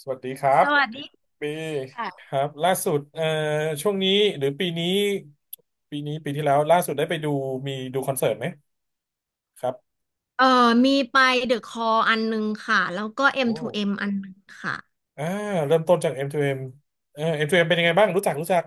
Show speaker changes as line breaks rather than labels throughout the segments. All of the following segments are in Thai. สวัสดีครั
ส
บ
วัสดี
ปีค
ค่ะ
รับล่าสุดช่วงนี้หรือปีนี้ปีนี้ปีที่แล้วล่าสุดได้ไปดูมีดูคอนเสิร์ตไหมครับ
เอ่อมีไปเดอะคออันหนึ่งค่ะแล้วก็
โอ้
M2M อมทูเอ็มอันหนึ่งค่ะ
อ่าเริ่มต้นจาก M2M เอมM2M เอ็มเป็นยังไงบ้างรู้จัก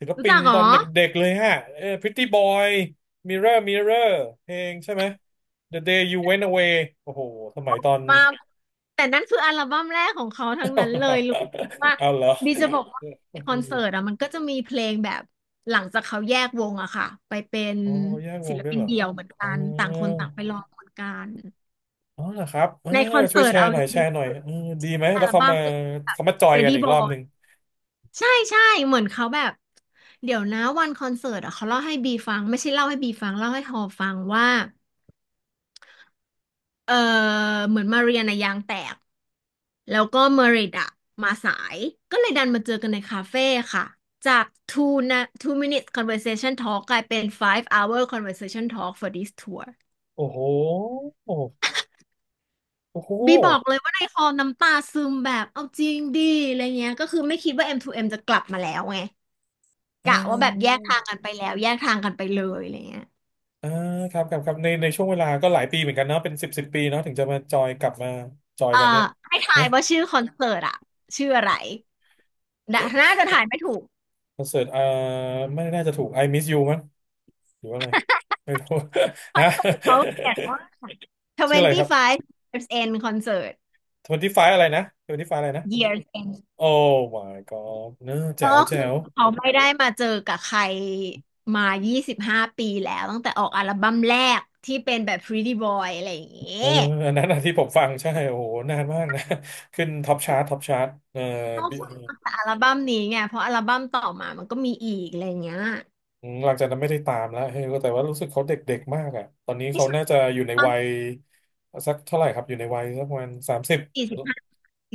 ศิล
รู้
ปิน
จักเหร
ต
อ
อนเด็กๆเลยฮะPretty Boy Mirror Mirror เพลงใช่ไหม The Day You Went Away โอ้โหสมัยตอน
มาแต่นั่นคืออัลบั้มแรกของเขาทั้งนั้นเลยรู้ว่า
เอาเหรอ
ดีจะบอกว่าคอนเสิร์ตอะมันก็จะมีเพลงแบบหลังจากเขาแยกวงอะค่ะไปเป็น
อ๋อแยกว
ศิ
ง
ล
ด้วย
ปิน
เหรอ
เดี่ยวเหมือน
อ๋
กั
อ
นต่างคนต่างไปรองเนกัน
อ๋อเหรอครับเออ
ในคอน
ช่วย
เสิร์ต
แชร์
เอา
หน่
จ
อยแช
ริง
ร์หน่อย
ๆือ
เออดีไหม
อั
แล้ว
ล
เขา
บั้
มา
มแบบ
เขามาจอยกัน
Ready
อีกรอบห
Boy
นึ่ง
ใช่ใช่เหมือนเขาแบบเดี๋ยวนะวันคอนเสิร์ตอะเขาเล่าให้บีฟังไม่ใช่เล่าให้บีฟังเล่าให้ฮอฟังว่าเออเหมือนมาเรียนอะยางแตกแล้วก็เมริดอะมาสายก็เลยดันมาเจอกันในคาเฟ่ค่ะจาก two นะ two minutes conversation talk กลายเป็น five hour conversation talk for this tour
โอ้โหโอ้โห
บีบอกเลยว่าในฮอลน้ำตาซึมแบบเอาจริงดิอะไรเงี้ยก็คือไม่คิดว่าเอ็มทูเอ็มจะกลับมาแล้วไง
เ
กะว่าแบบแย
อ
ก
อ
ทางกันไปแล้วแยกทางกันไปเลยอะไรเงี้ย
เออครับในช่วงเวลาก็หลายปีเหมือนกันเนาะเป็นสิบปีเนาะถึงจะมาจอยกลับมาจอย
เอ่อ
กันเนี่ย
ให้ทา
นะ
ยว่าชื่อคอนเสิร์ตอะชื่ออะไรน่ะ
ก็
น่าจะถ่ายไม่ถูก
คอนเสิร์ตเออไม่น่าจะถูก I Miss You มั้งหรือว่าอะไรไม่รู้
คอ
ฮะ
นเสิร์ตเขาเขียน
ชื่อ
ว่า
อะไรครับ
25 years end concert
ทเวนตี้ไฟอะไรนะทเวนตี้ไฟอะไรนะ
years end
โอ้ my god เนอะแจ๋
ก็
ว
คื
แจ๋
อ
ว
เขาไม่ได้มาเจอกับใครมา25ปีแล้วตั้งแต่ออกอัลบั้มแรกที่เป็นแบบ Pretty Boy อะไรอย่างเงี้
เออ
ย
อันนั้นอะที่ผมฟังใช่โอ้โหนานมากนะ ขึ้นท็อปชาร์ตเออ
เขา
บิ
คุกมาจากอัลบั้มนี้ไงเพราะอัลบั้มต่อมามันก็มีอีกอะไรอย่างเงี้ย
อืมหลังจากนั้นไม่ได้ตามแล้วเฮ้ยแต่ว่ารู้สึกเขาเด็กๆมากอ่ะตอนนี้
ไม่
เขา
ใช่
น่าจะอยู่ใน
ตอน
วัยสักเท่าไหร่ครับอยู่ในวัยสักประมาณสามสิบ
สี่สิบห้าสี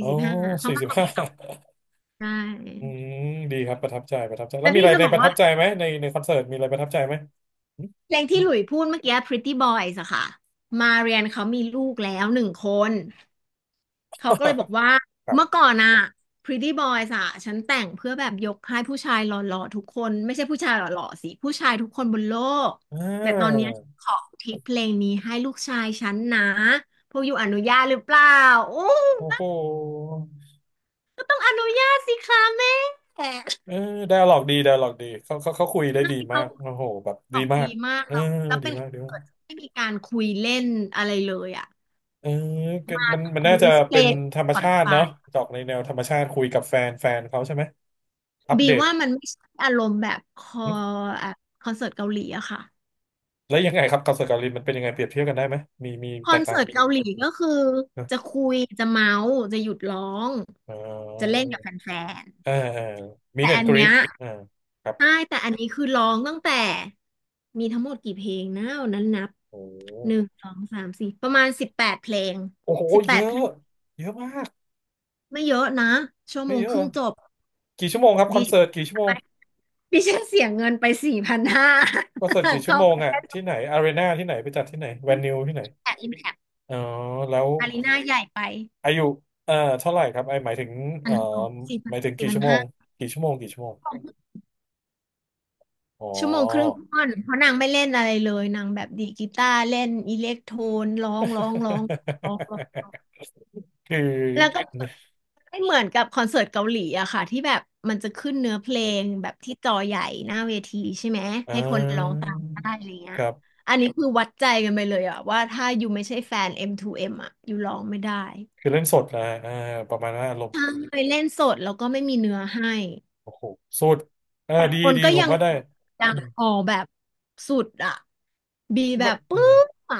อ๋
่
อ
สิบห้าเขา
สี่
มาก
สิบ
กว่า
ห้า
ปีสองใช่
อืมดีครับประทับใจแล้
แต่
วมี
พี่
อะไร
จะ
ใน
บอ
ป
ก
ระทั
ว่า
บใจไหมในคอนเสิร์ตมีอะไรประทับใจไหม
เพลงที่หลุยพูดเมื่อกี้ Pretty Boys อะค่ะ มาเรียนเขามีลูกแล้วหนึ่งคน เขาก็เลยบอก ว่า
ครั
เมื่อ
บ
ก่อนอะ Pretty Boys อะฉันแต่งเพื่อแบบยกให้ผู้ชายหล่อๆทุกคนไม่ใช่ผู้ชายหล่อๆสิผู้ชายทุกคนบนโลก
อ่
แต่ตอนเนี้ย
า
ขออุทิศเพลงนี้ให้ลูกชายฉันนะพวกอยู่อนุญาตหรือเปล่าอู้
โอ้โห
ก็ต้องอนุญาตสิคะแม่ใช่
เออไดอะล็อกดีไดอะล็อกดีเขาคุยได้ดีมา
เขา
กโอ้โหแบบ
ต
ดี
อบ
มา
ดี
ก
มาก
เออ
แล้วแล้ว
ดี
เป็น
มากดี
ค
มาก
อนเสิร์ตที่ไม่มีการคุยเล่นอะไรเลยอะ
เออก็มันน่าจะ
ลิสเพล
เป็น
ย์
ธรรม
ผ่อน
ชา
ฟ
ติเนาะจอกในแนวธรรมชาติคุยกับแฟนเขาใช่ไหมอัป
บี
เดต
ว่ามันไม่ใช่อารมณ์แบบคอ
หึ
แบบคอนเสิร์ตเกาหลีอะค่ะ
แล้วยังไงครับกับสกอตแลินด์มันเป็นยังไงเปรียบเทียบกันได้ไหมมี
คอ
แต
น
ก
เสิ
ต่าง
ร์ตเกาหลีก็คือ
นะ
จะคุยจะเมาส์จะหยุดร้อง
เอ
จะ
อ
เล่นกับแฟน
เออ
ๆ
มี
แต่
เดน
อัน
กรี
เนี้
ด
ย
อ่าครับ
ใช่แต่อันนี้คือร้องตั้งแต่มีทั้งหมดกี่เพลงนะวันนั้นนับ
โอ้โห
หนึ่งสองสามสี่ประมาณสิบแปดเพลง
โอ้โห
สิบแป
เย
ดเพ
อะ
ลง
เยอะมาก
ไม่เยอะนะชั่วโม
ไม่
ง
เยอะ
ค
เหร
รึ่
อ
งจบ
กี่ชั่วโมงครับค
ดิ
อน
ฉั
เสิ
น
ร์ตกี่ชั่วโมง
ดิฉันเสียเงินไปสี่พันห้า
คอนเสิร์ตกี่ชั่
เข้า
วโม
ไป
งอ่ะ
แค่ส
ที่ไหนอารีนาที่ไหนไปจัดที่ไหนแวนิวที่ไหน
แพคอิมแพค
อ๋อแล้ว
อารีนาใหญ่ไป
อายุเอ่อเท่าไหร่ครับไอหมายถึง
พั
เอ่อ
นหกสี่พั
ห
น
มายถึง
สี่
กี่
พัน
ชั่วโม
ห้า
งกี่ชั่วโมงอ๋อ
ชั่วโมงครึ่งท่อนเพราะนางไม่เล่นอะไรเลยนางแบบดีดกีตาร์เล่นอิเล็กโทนร้องร้องร้องร้องร้อง
คือ
แล้วก็
เนี่ย
ไม่เหมือนกับคอนเสิร์ตเกาหลีอะค่ะที่แบบมันจะขึ้นเนื้อเพลงแบบที่จอใหญ่หน้าเวทีใช่ไหม
อ่
ให้คนร้อง
า
ตามได้อะไรเงี้
ค
ย
รับ
อันนี้คือวัดใจกันไปเลยอะว่าถ้าอยู่ไม่ใช่แฟน M2M อมทูเอ็มอะอยู่ร้องไม่ได้
คือเล่นสดนะอ่าประมาณว่าอารมณ์
ใช่เล่นสดแล้วก็ไม่มีเนื้อให้
โอ้โหสุดเออ
แต่
ดี
คน
ดี
ก็
ผ
ยั
ม
ง
ว่าได้อืม
ออกแบบสุดอ่ะบีแบ
มัน
บ
อื
ปึ๊
ม
บอ่ะ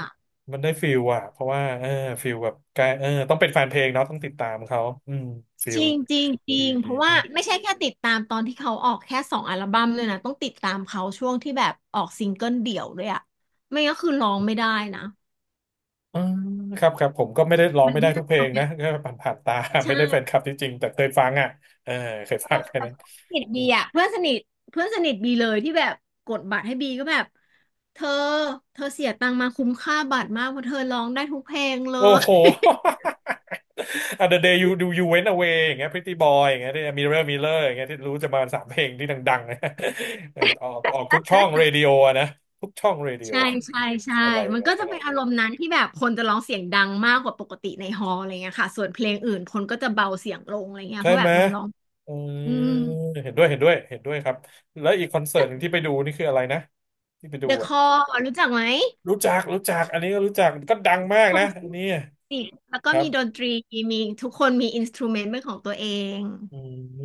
มันได้ฟิลอ่ะเพราะว่าเออฟิลแบบกายเออต้องเป็นแฟนเพลงเนาะต้องติดตามเขาอืมฟิ
จ
ล
ริงจริงจริ
ดี
งเพ
ดี
ราะว่าไม่ใช่แค่ติดตามตอนที่เขาออกแค่สองอัลบั้มเลยนะต้องติดตามเขาช่วงที่แบบออกซิงเกิลเดี่ยวด้วยอ่ะไม่งั้นคือร้องไม่ได้นะ
อืมครับผมก็ไม่ได้ร้อง
มัน
ไม่ได้
ยา
ทุ
ก
กเพล
ตร
ง
งเนี้
นะ
ย
ก็ผ่านตา
ใช่
ไม่ได้แฟนคลับที่จริงแต่เคยฟังอ่ะเออเคย
เออ
ฟังแค่
แต่
นั้น
เพื่อนสนิท
อื
บี
ม
อ่ะเพื่อนสนิทเพื่อนสนิทบีเลยที่แบบกดบัตรให้บีก็แบบเธอเธอเสียตังค์มาคุ้มค่าบัตรมากเพราะเธอร้องได้ทุกเพลงเล
โอ้โห
ย
อ่ะ The Day You Do You Went Away อย่างเงี้ย Pretty Boy อย่างเงี้ยที่ Mirror Mirror อย่างเงี้ยที่รู้จะมาสามเพลงที่ดังๆนะ ออกทุกช่องเรดิโออะนะทุกช่องเรดิโอ
ใช่ใช่ใช่
อะไร
มัน
นะ
ก็
ค
จะเป็นอา
รั้
รมณ์นั้นที่แบบคนจะร้องเสียงดังมากกว่าปกติในฮอลล์อะไรเงี้ยค่ะ ส่วนเพลงอื่นคนก็จะเบาเสียงลงอะไรเงี้ย
ใช่
เพราะแบ
ไหม
บมันร้อง
อืม
อืม
เห็นด้วยเห็นด้วยเห็นด้วยครับแล้วอีกคอนเสิร์ตหนึ่งที่ไปดูนี่คืออะไรนะที่ไปดู
The
อ่ะ
Call รู้จักไหม
รู้จักอันนี้ก็รู้จักก็ดังมาก
ค
นะ
นที่
อันนี้
เสียงแล้วก็
ครั
มีดน
บ
ตรีมีทุกคนมีอินสตรูเมนต์เป็นของตัวเอง
อื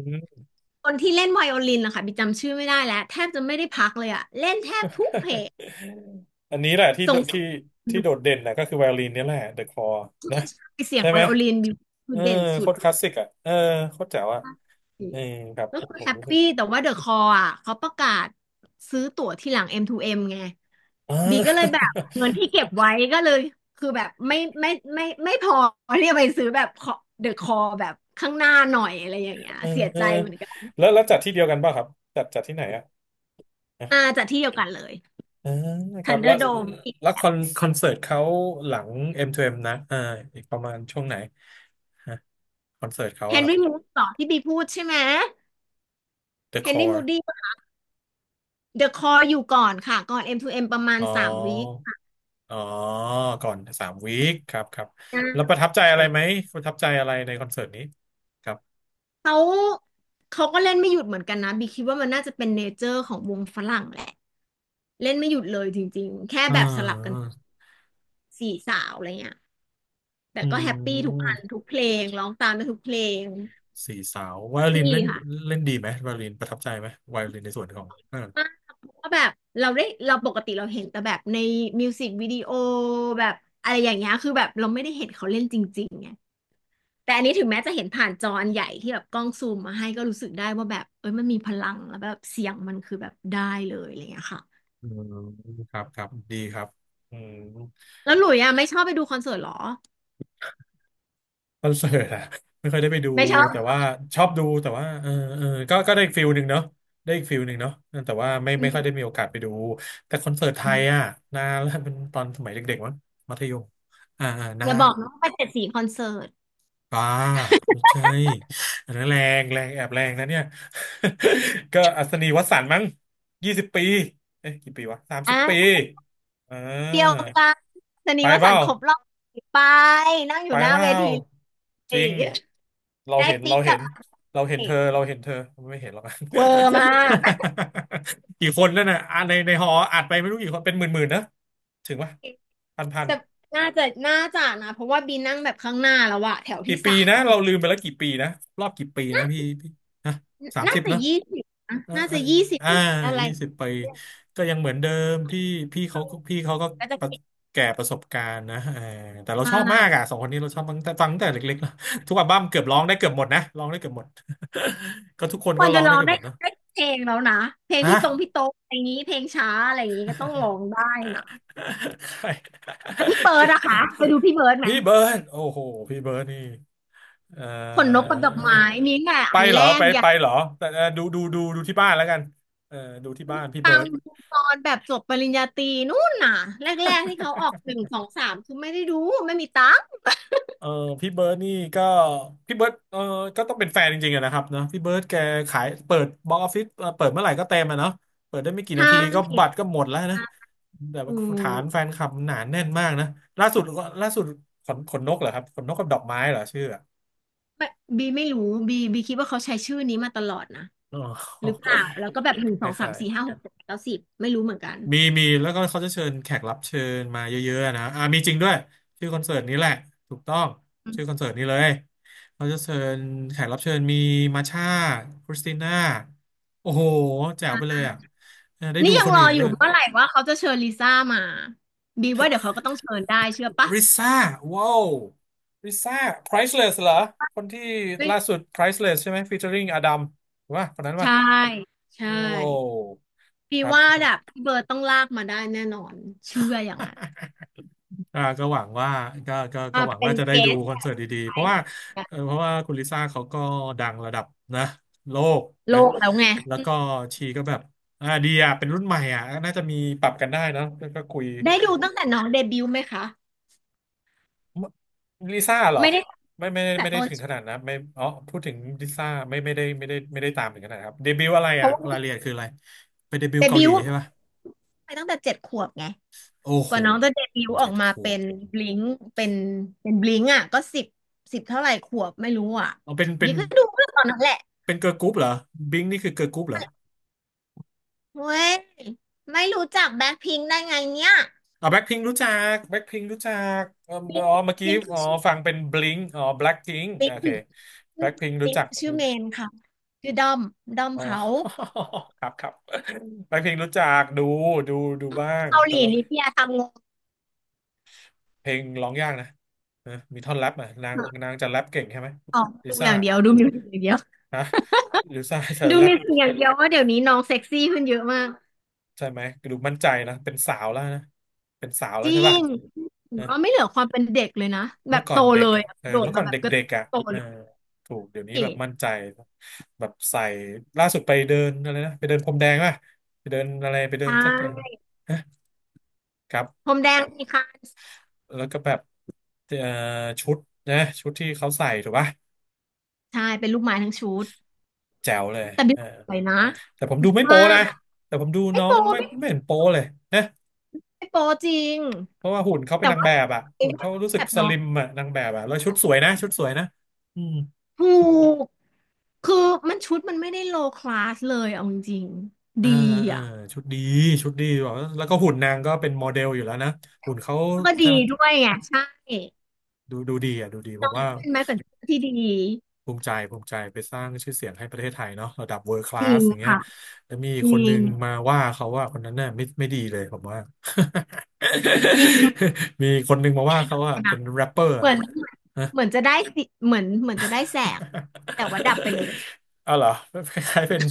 ม
คนที่เล่นไวโอลินนะคะบิกจำชื่อไม่ได้แล้วแทบจะไม่ได้พักเลยอะเล่นแทบทุกเพลง
อันนี้แหละที่โด
ส่งเสีย
ที่
ง
ที่โดดเด่นนะก็คือไวโอลินนี่แหละ The Call นะ
เสียง
ใช่
ไว
ไหม
โอลินบิกคื
เอ
อ
อ
เด่นสุ
โค
ด
ตรค
มา
ลาสสิกอ่ะเออโคตรแจ๋วอ่ะ
ก
เออครับ
ก็
ผม
คือ
ผม
แฮป
รู้สึก
ปี้แต่ว่าเดอะคออ่ะเขาประกาศซื้อตั๋วที่หลัง M2M ไง
อ่
ก็เลยแบ
า
บเงินที่เก็บไว้ก็เลยคือแบบไม่ไม่พอที่จะไปซื้อแบบเดอะคอแบบข้างหน้าหน่อยอะไรอย่างเงี้ย
เออ
เสีย
เอ
ใจ
อ
เหมือนกัน
แล้วแล้วจัดที่เดียวกันป่ะครับจัดที่ไหนอ่ะอ่ะ
อ่าจากที่เดียวกันเลย
เออค
ทั
รั
น
บ
เด
แล้
อ
ว
ร์โดม
คอนเสิร์ตเขาหลังเอ็มทูเอ็มนะอ่าอีกประมาณช่วงไหนฮะคอนเสิร์ตเขา
เฮ
อะ
น
ครับ
รี่มูดต่อที่บีพูดใช่ไหม
The
เฮนรี่มู
Core
ดี้เดอะคออยู่ก่อนค่ะก่อน M2M ประมาณ
อ๋
สามวี
อ
ค
อ๋อก่อน3 วีคครับ
ใช
แล้วประ
่
ทับใจอะไรไหมประทับใจอะไรในคอนเสิร์ตนี้ครับ
เขาเขาก็เล่นไม่หยุดเหมือนกันนะบีคิดว่ามันน่าจะเป็นเนเจอร์ของวงฝรั่งแหละ เล่นไม่หยุดเลยจริงๆ แค่
อ่า
แบบสลับกันสี่สาวอะไรเงี้ยแต่
อื
ก็แฮปปี้ทุกอั
ม
นทุกเพลงร้องตามไปทุกเพลง
สี่สาวไว
แฮป
โอลิน
ปี้
เล่น
ค่ะ
เล่นดีไหมไวโอลินประทับใจไหมไวโอลินในส่วนของเออ
มากเพราะว่าแบบเราได้เราปกติเราเห็นแต่แบบในมิวสิกวิดีโอแบบอะไรอย่างเงี้ยคือแบบเราไม่ได้เห็นเขาเล่นจริงๆไงแต่อันนี้ถึงแม้จะเห็นผ่านจออันใหญ่ที่แบบกล้องซูมมาให้ก็รู้สึกได้ว่าแบบเอ้ยมันมีพลังแล้วแบบเสียงมันคือแบบได้เลยอะไรเงี้ยค่ะ
อืมครับดีครับอืม
แล้วหลุยอ่ะไม่ชอบไปดูคอนเสิร์ตเหรอ
คอนเสิร์ตอะ ไม่ค่อยได้ไปดู
ไม่ชอบ
แต่ว่าชอบดูแต่ว่าเออเออก็ก็ได้อีกฟิลหนึ่งเนาะได้อีกฟิลหนึ่งเนาะแต่ว่าไม่
อื
ค่อยได้มีโอกาสไปดูแต่คอนเสิร์ตไทยอะ
ม
นานแล้วเป็นตอนสมัยเด็กๆมั้งมัธยมอ่า
อ
นา
ย่าบ
น
อกนะว่าไปเจ็ดสีคอนเสิร์ต
ป้าไม่ใช่อันนั้นแรงแรงแอบแรงนะเนี่ย ก็อัศนีวสันต์มั้ง20 ปีเอ๊ะกี่ปีวะ30 ปี
อ่า
อ่
เดียว
า
กันชนี
ไป
ว
เป
สั
ล่า
นต์ครบรอบไปนั่งอ
ไป
ยู่หน้า
เป
เว
ล่า
ที
จ
เล
ริ
ย
งเรา
ได้
เห็น
ปิ๊
เรา
ก
เห็
กับ
นเราเห็นเธอเรา
เอ
เห็นเธอไม่เห็นหรอก
เวอร์มาก
กี่คนนั่นน่ะอ่ะในหออัดไปไม่รู้กี่คนเป็นหมื่นๆนะถึงปะพันพัน
แต่น่าจะนะเพราะว่าบีนั่งแบบข้างหน้าแล้วอะแถว
กี่
ที่
ปี
สาม
นะ
แต่
เรา
ข้าง
ลืมไปแล้วกี่ปีนะรอบกี่ปีนะพี่ฮะสาม
น่า
สิบ
จะ
เนอะ
ยี่สิบนะ
อ่า
น่า
อ่า
จะยี่สิบ
อ่า
หรืออะไร
ยี่สิบปีก็ยังเหมือนเดิมพี่พี่เขาก็
ก็จะ
ประ
เก่ง
แก่ประสบการณ์นะเออแต่เรา
มา
ชอบมา
ก
กอ่ะสองคนนี้เราชอบฟังแต่ฟังตั้งแต่เล็กๆแล้วทุกอัลบั้มเกือบร้องได้เกือบหมดนะร้องได้เกือบหมด ก็ทุกคน
คว
ก็
ร
ร้
จะ
อง
ร้
ได้
อง
เกือบห
ได้
มดเนาะ
ได้เพลงแล้วนะเพลง
ฮะ
พี่ตรงพี่โต๊ะอะไรอย่างนี้เพลงช้าอะไรอย่างนี้ก็ต้องร้องได้นะ
ใคร
แล้วพี่เบิร์ดอะคะไปดูพี่เบิร์ดไหม
พี่เบิร์ดโอ้โหพี่เบิร์ดนี่เอ่อ
ขนนกกับดอกไม้นี่แหละ
ไป
อัน
เหร
แร
อไป
กอย่า
ไปเหรอแต่ดูที่บ้านแล้วกันเออดูที่บ้านพี่เบิ
ฟัง
ร์ด
ดูตอนแบบจบปริญญาตรีนู่นน่ะแรกๆที่เขาออกหนึ่งสองสามคือไม่ได้ดูไม่มีตังค์
เออพี่เบิร์ดนี่ก็พี่เบิร์ดเออก็ต้องเป็นแฟนจริงๆอะนะครับเนอะพี่เบิร์ดแกขายเปิดบ็อกซ์ออฟฟิศเปิดเมื่อไหร่ก็เต็มอะเนาะเปิดได้ไม่กี่
ใช
นาทีก็บัตร
่
ก็หมดแล้วนะ
อะ
แต่
อื
ว่าฐาน
ม
แฟนคลับหนาแน่นมากนะล่าสุดขนนกเหรอครับขนนกกับดอกไม้เหรอชื่ออะ
ไม่บีไม่รู้บีคิดว่าเขาใช้ชื่อนี้มาตลอดนะ
อ๋อ
หรือเปล่าแล้วก็แบบหนึ่ง
ค
สองสาม
ล้าย
สี่ห้า
ๆ
หกเจ็ดแปดเก้าสิบไม่รู้เหมือนกัน
มีแล้วก็เขาจะเชิญแขกรับเชิญมาเยอะๆนะอ่ามีจริงด้วยชื่อคอนเสิร์ตนี้แหละถูกต้องชื่อคอนเสิร์ตนี้เลยเขาจะเชิญแขกรับเชิญมีมาช่าคริสติน่าโอ้โหแจ๋วไปเลยอ่ะเออได้
นี่
ดู
ยั
ค
ง
น
รอ
อื่น
อ
ด้ว
ยู่
ย
เมื่อไหร่ว่าเขาจะเชิญลิซ่ามาบีว่าเดี๋ยวเขาก็ต้องเชิญได้เชื่อปะ
ริซ่าว้าวริซ่า Priceless เหรอคนที่
ไม่
ล่าสุด Priceless ใช่ไหม featuring อดัมว่าคนนั้นว่า
ใช่ใช่
โอ้
บี
ครับ
ว่าแบบพี่เบิร์ดต้องลากมาได้แน่นอนเชื่ออย่างนั้น
อ่าก็หวังว่าก็
มา
หวัง
เป็น
ว่าจะได้
เก
ดู
ส
คอนเสิร์ตดีๆ เพราะว่าเออเพราะว่าคุณลิซ่าเขาก็ดังระดับนะโลก
โล
นะ
กแล้วไง
แล้วก็ชีก็แบบอ่าดีอ่ะเป็นรุ่นใหม่อ่ะน่าจะมีปรับกันได้เนอะก็ก็คุย
ได้ดูตั้งแต่น้องเดบิวต์ไหมคะ
ลิซ่าเหรอ
ไม่ได้
ไม่ไม่
ตั้งแต่
ไม่
ต
ได้
อน
ถึงขนาดนะไม่อ๋อพูดถึงลิซ่าไม่ได้ตามถึงขนาดครับเดบิวต์อะไร
เพ
อ่ะ
ราะ
ราย
ว่า
ละเอียดคืออะไรไปเดบิว
เด
ต์เกา
บิ
หลี
วต์
ใช่ปหะ
ไปตั้งแต่เจ็ดขวบไง
โอ้
ก
โห
ว่าน้องจะเดบิวต์ออ
เจ็
ก
ด
มา
ขว
เป็
บ
นบลิงเป็นเป็นบลิงอ่ะก็สิบสิบเท่าไหร่ขวบไม่รู้อ่ะ
เอา
บีก็ดูเมื่อตอนนั้นแหละ
เป็นเกิร์ลกรุ๊ปเหรอบิงนี่คือเกิร์ลกรุ๊ปเหรอ
เว้ยไม่รู้จักแบ็คพิงค์ได้ไงเนี่ย
อ๋อแบ็คพิงรู้จักแบ็คพิงรู้จักเออ
บลิง
เมื่อ
บ
กี้
ลิงคื
อ๋
อ
อ
ชื่อ
ฟังเป็นบลิงอ๋อแบล็คพิง
บลิ
โอ
ง
เค
คือ
แบ็
ชื่อ
คพิง
บ
รู้
ลิง
จัก
ชื่อเมนค่ะชื่อดอมดอม
อ๋อ
เขา
ครับครับแบ็คพิงรู้จักดูดูบ้าง
เกาห
แต่
ลี
ว่า
นี่พี่ยทำงง
เพลงร้องยากนะเออมีท่อนแรปอ่ะนาง
ค่ะ
นางจะแรปเก่งใช่ไหม
ออก
ลิ
ดูอ
ซ่า
ย่างเดียวดูมิวสิกอย่างเดียว
ฮะลิซ่าจะ
ดู
แรป
มีสิ่งอย่างเดียวว่าเดี๋ยวนี้น้องเซ็กซี่ขึ้นเยอะมาก
ใช่ไหมดูมั่นใจนะเป็นสาวแล้วนะเป็นสาวแล้
จ
ว
ริ
ใช่ป่ะ
งผม
นะ
ว่าไม่เหลือความเป็นเด็กเลยนะแบ
เมื่
บ
อก่อ
โต
นเด็
เล
ก
ย
อ่ะ
อะ
เออ
โดด
เมื่อก่
มา
อน
แบ
เด
บกระ
็กๆอ่ะ
โต
เออ
เลย
ถูกเดี๋ยวนี้
ใช่
แบบมั่นใจ แบบใส่ล่าสุดไปเดินอะไรนะไปเดินพรมแดงป่ะไปเดินอะไรไปเดินสักอย่างนะครั
พร
บ
มแดงนี่ค่ะ
แล้วก็แบบเอ่อชุดนะชุดที่เขาใส่ถูกป่ะ
ใช่เป็นลูกไม้ทั้งชุด
แจ๋วเลย
แต่บิ๊
เอ
ก
อ
สวยนะ
แต่ผมดูไม่โป๊
ว่า
นะแต่ผมดู
ไม่
น้อ
โป
งไม่
ไม่
ไม่เห็นโป๊เลยนะ
ไม่โปจริง
เพราะว่าหุ่นเขาเป็น
แต่
นาง
ว่า
แบบอ่ะหุ่นเขารู้สึ
แบ
ก
บ
ส
น้อ
ลิ
ง
มอ่ะนางแบบอ่ะแล้วชุดสวยนะชุดสวยนะอืม
ถูกคือมันชุดมันไม่ได้โลคลาสเลยเอาจริงๆ
อ่า
ดี
อ่า
อ่ะ
ชุดดีชุดดีแบบแล้วก็หุ่นนางก็เป็นโมเดลอยู่แล้วนะหุ่นเขา
แล้วก็
ใช่
ดี
ไหม
ด้วยไงใช่
ดูดีอ่ะดูดีผม
เป็
ว่า
นไม้แขวนเสื้อที่ดี
ภูมิใจภูมิใจไปสร้างชื่อเสียงให้ประเทศไทยเนาะระดับ world
จริ
class
ง
อย่างเงี้ย
ค่ะ
แล้วมี
จริ
คนนึ
ง
งมาว่าเขาว่าคนนั้นน่ะไม่ดีเลยผมว่า
จริง
มีคนนึงมาว่าเขาว่าเป็
นะ
นแรปเปอ
เห
ร์ะ
มือน
เออ
เหมือนจะได้สิเหมือนเหมือนจะได้แสงแต่ว่าดับไปเลย
เอาเหรอคล้ายๆเป็น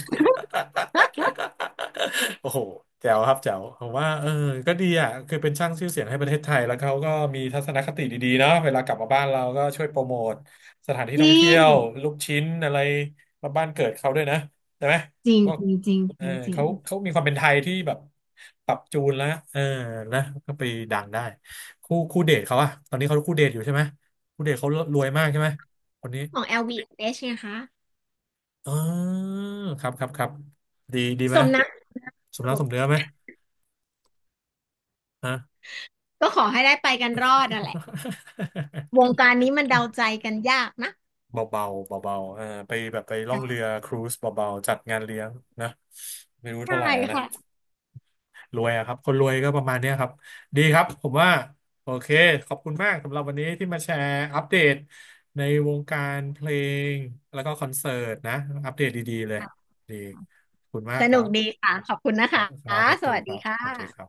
โอ้โหแจ๋วครับแจ๋วผมว่าเออก็ดีอ่ะคือเป็นช่างชื่อเสียงให้ประเทศไทยแล้วเขาก็มีทัศนคติดีๆเนาะเวลากลับมาบ้านเราก็ช่วยโปรโมทสถานที่
จ
ท่อง
ริ
เที่ย
ง
วลูกชิ้นอะไรมาบ้านเกิดเขาด้วยนะใช่ไหม
จริง
ก็
จริงจริง
เอ
จ
อ
ริงจริ
เขา
ง
เขามีความเป็นไทยที่แบบปรับจูนแล้วเออนะก็ไปดังได้คู่เดทเขาอะตอนนี้เขาคู่เดทอยู่ใช่ไหมคู่เดทเขารวยมากใช่ไหมคนนี้
ของ l v อชไงคะ
อ๋อครับครับครับดีดีไห
ส
ม
มนัก
ส
อ
ม
ยู่
น้ำสมเนื้อไหม ฮะ
ก็ขอให้ได้ไปกันรอดนั่นแหละวงการนี้มันเดาใจ กันยากนะ
เบาเบาๆเออไปแบบไปล่องเรือครูซเบาๆจัดงานเลี้ยงนะไม่รู้
ใช่
เท่าไหร่อะนะ
ค่ะ
รวยอะครับคนรวยก็ประมาณเนี้ยครับดีครับผมว่าโอเคขอบคุณมากสำหรับวันนี้ที่มาแชร์อัปเดตในวงการเพลงแล้วก็คอนเสิร์ตนะอัปเดตดีๆเลยดีขอบคุณมาก
ส
ครั
นุกดี
บ
ค่ะขอบคุณนะ
ครั
คะ
บครับสวัส
ส
ดี
วัส
ค
ดี
รับ
ค
สวัสดีค
่ะ
รับ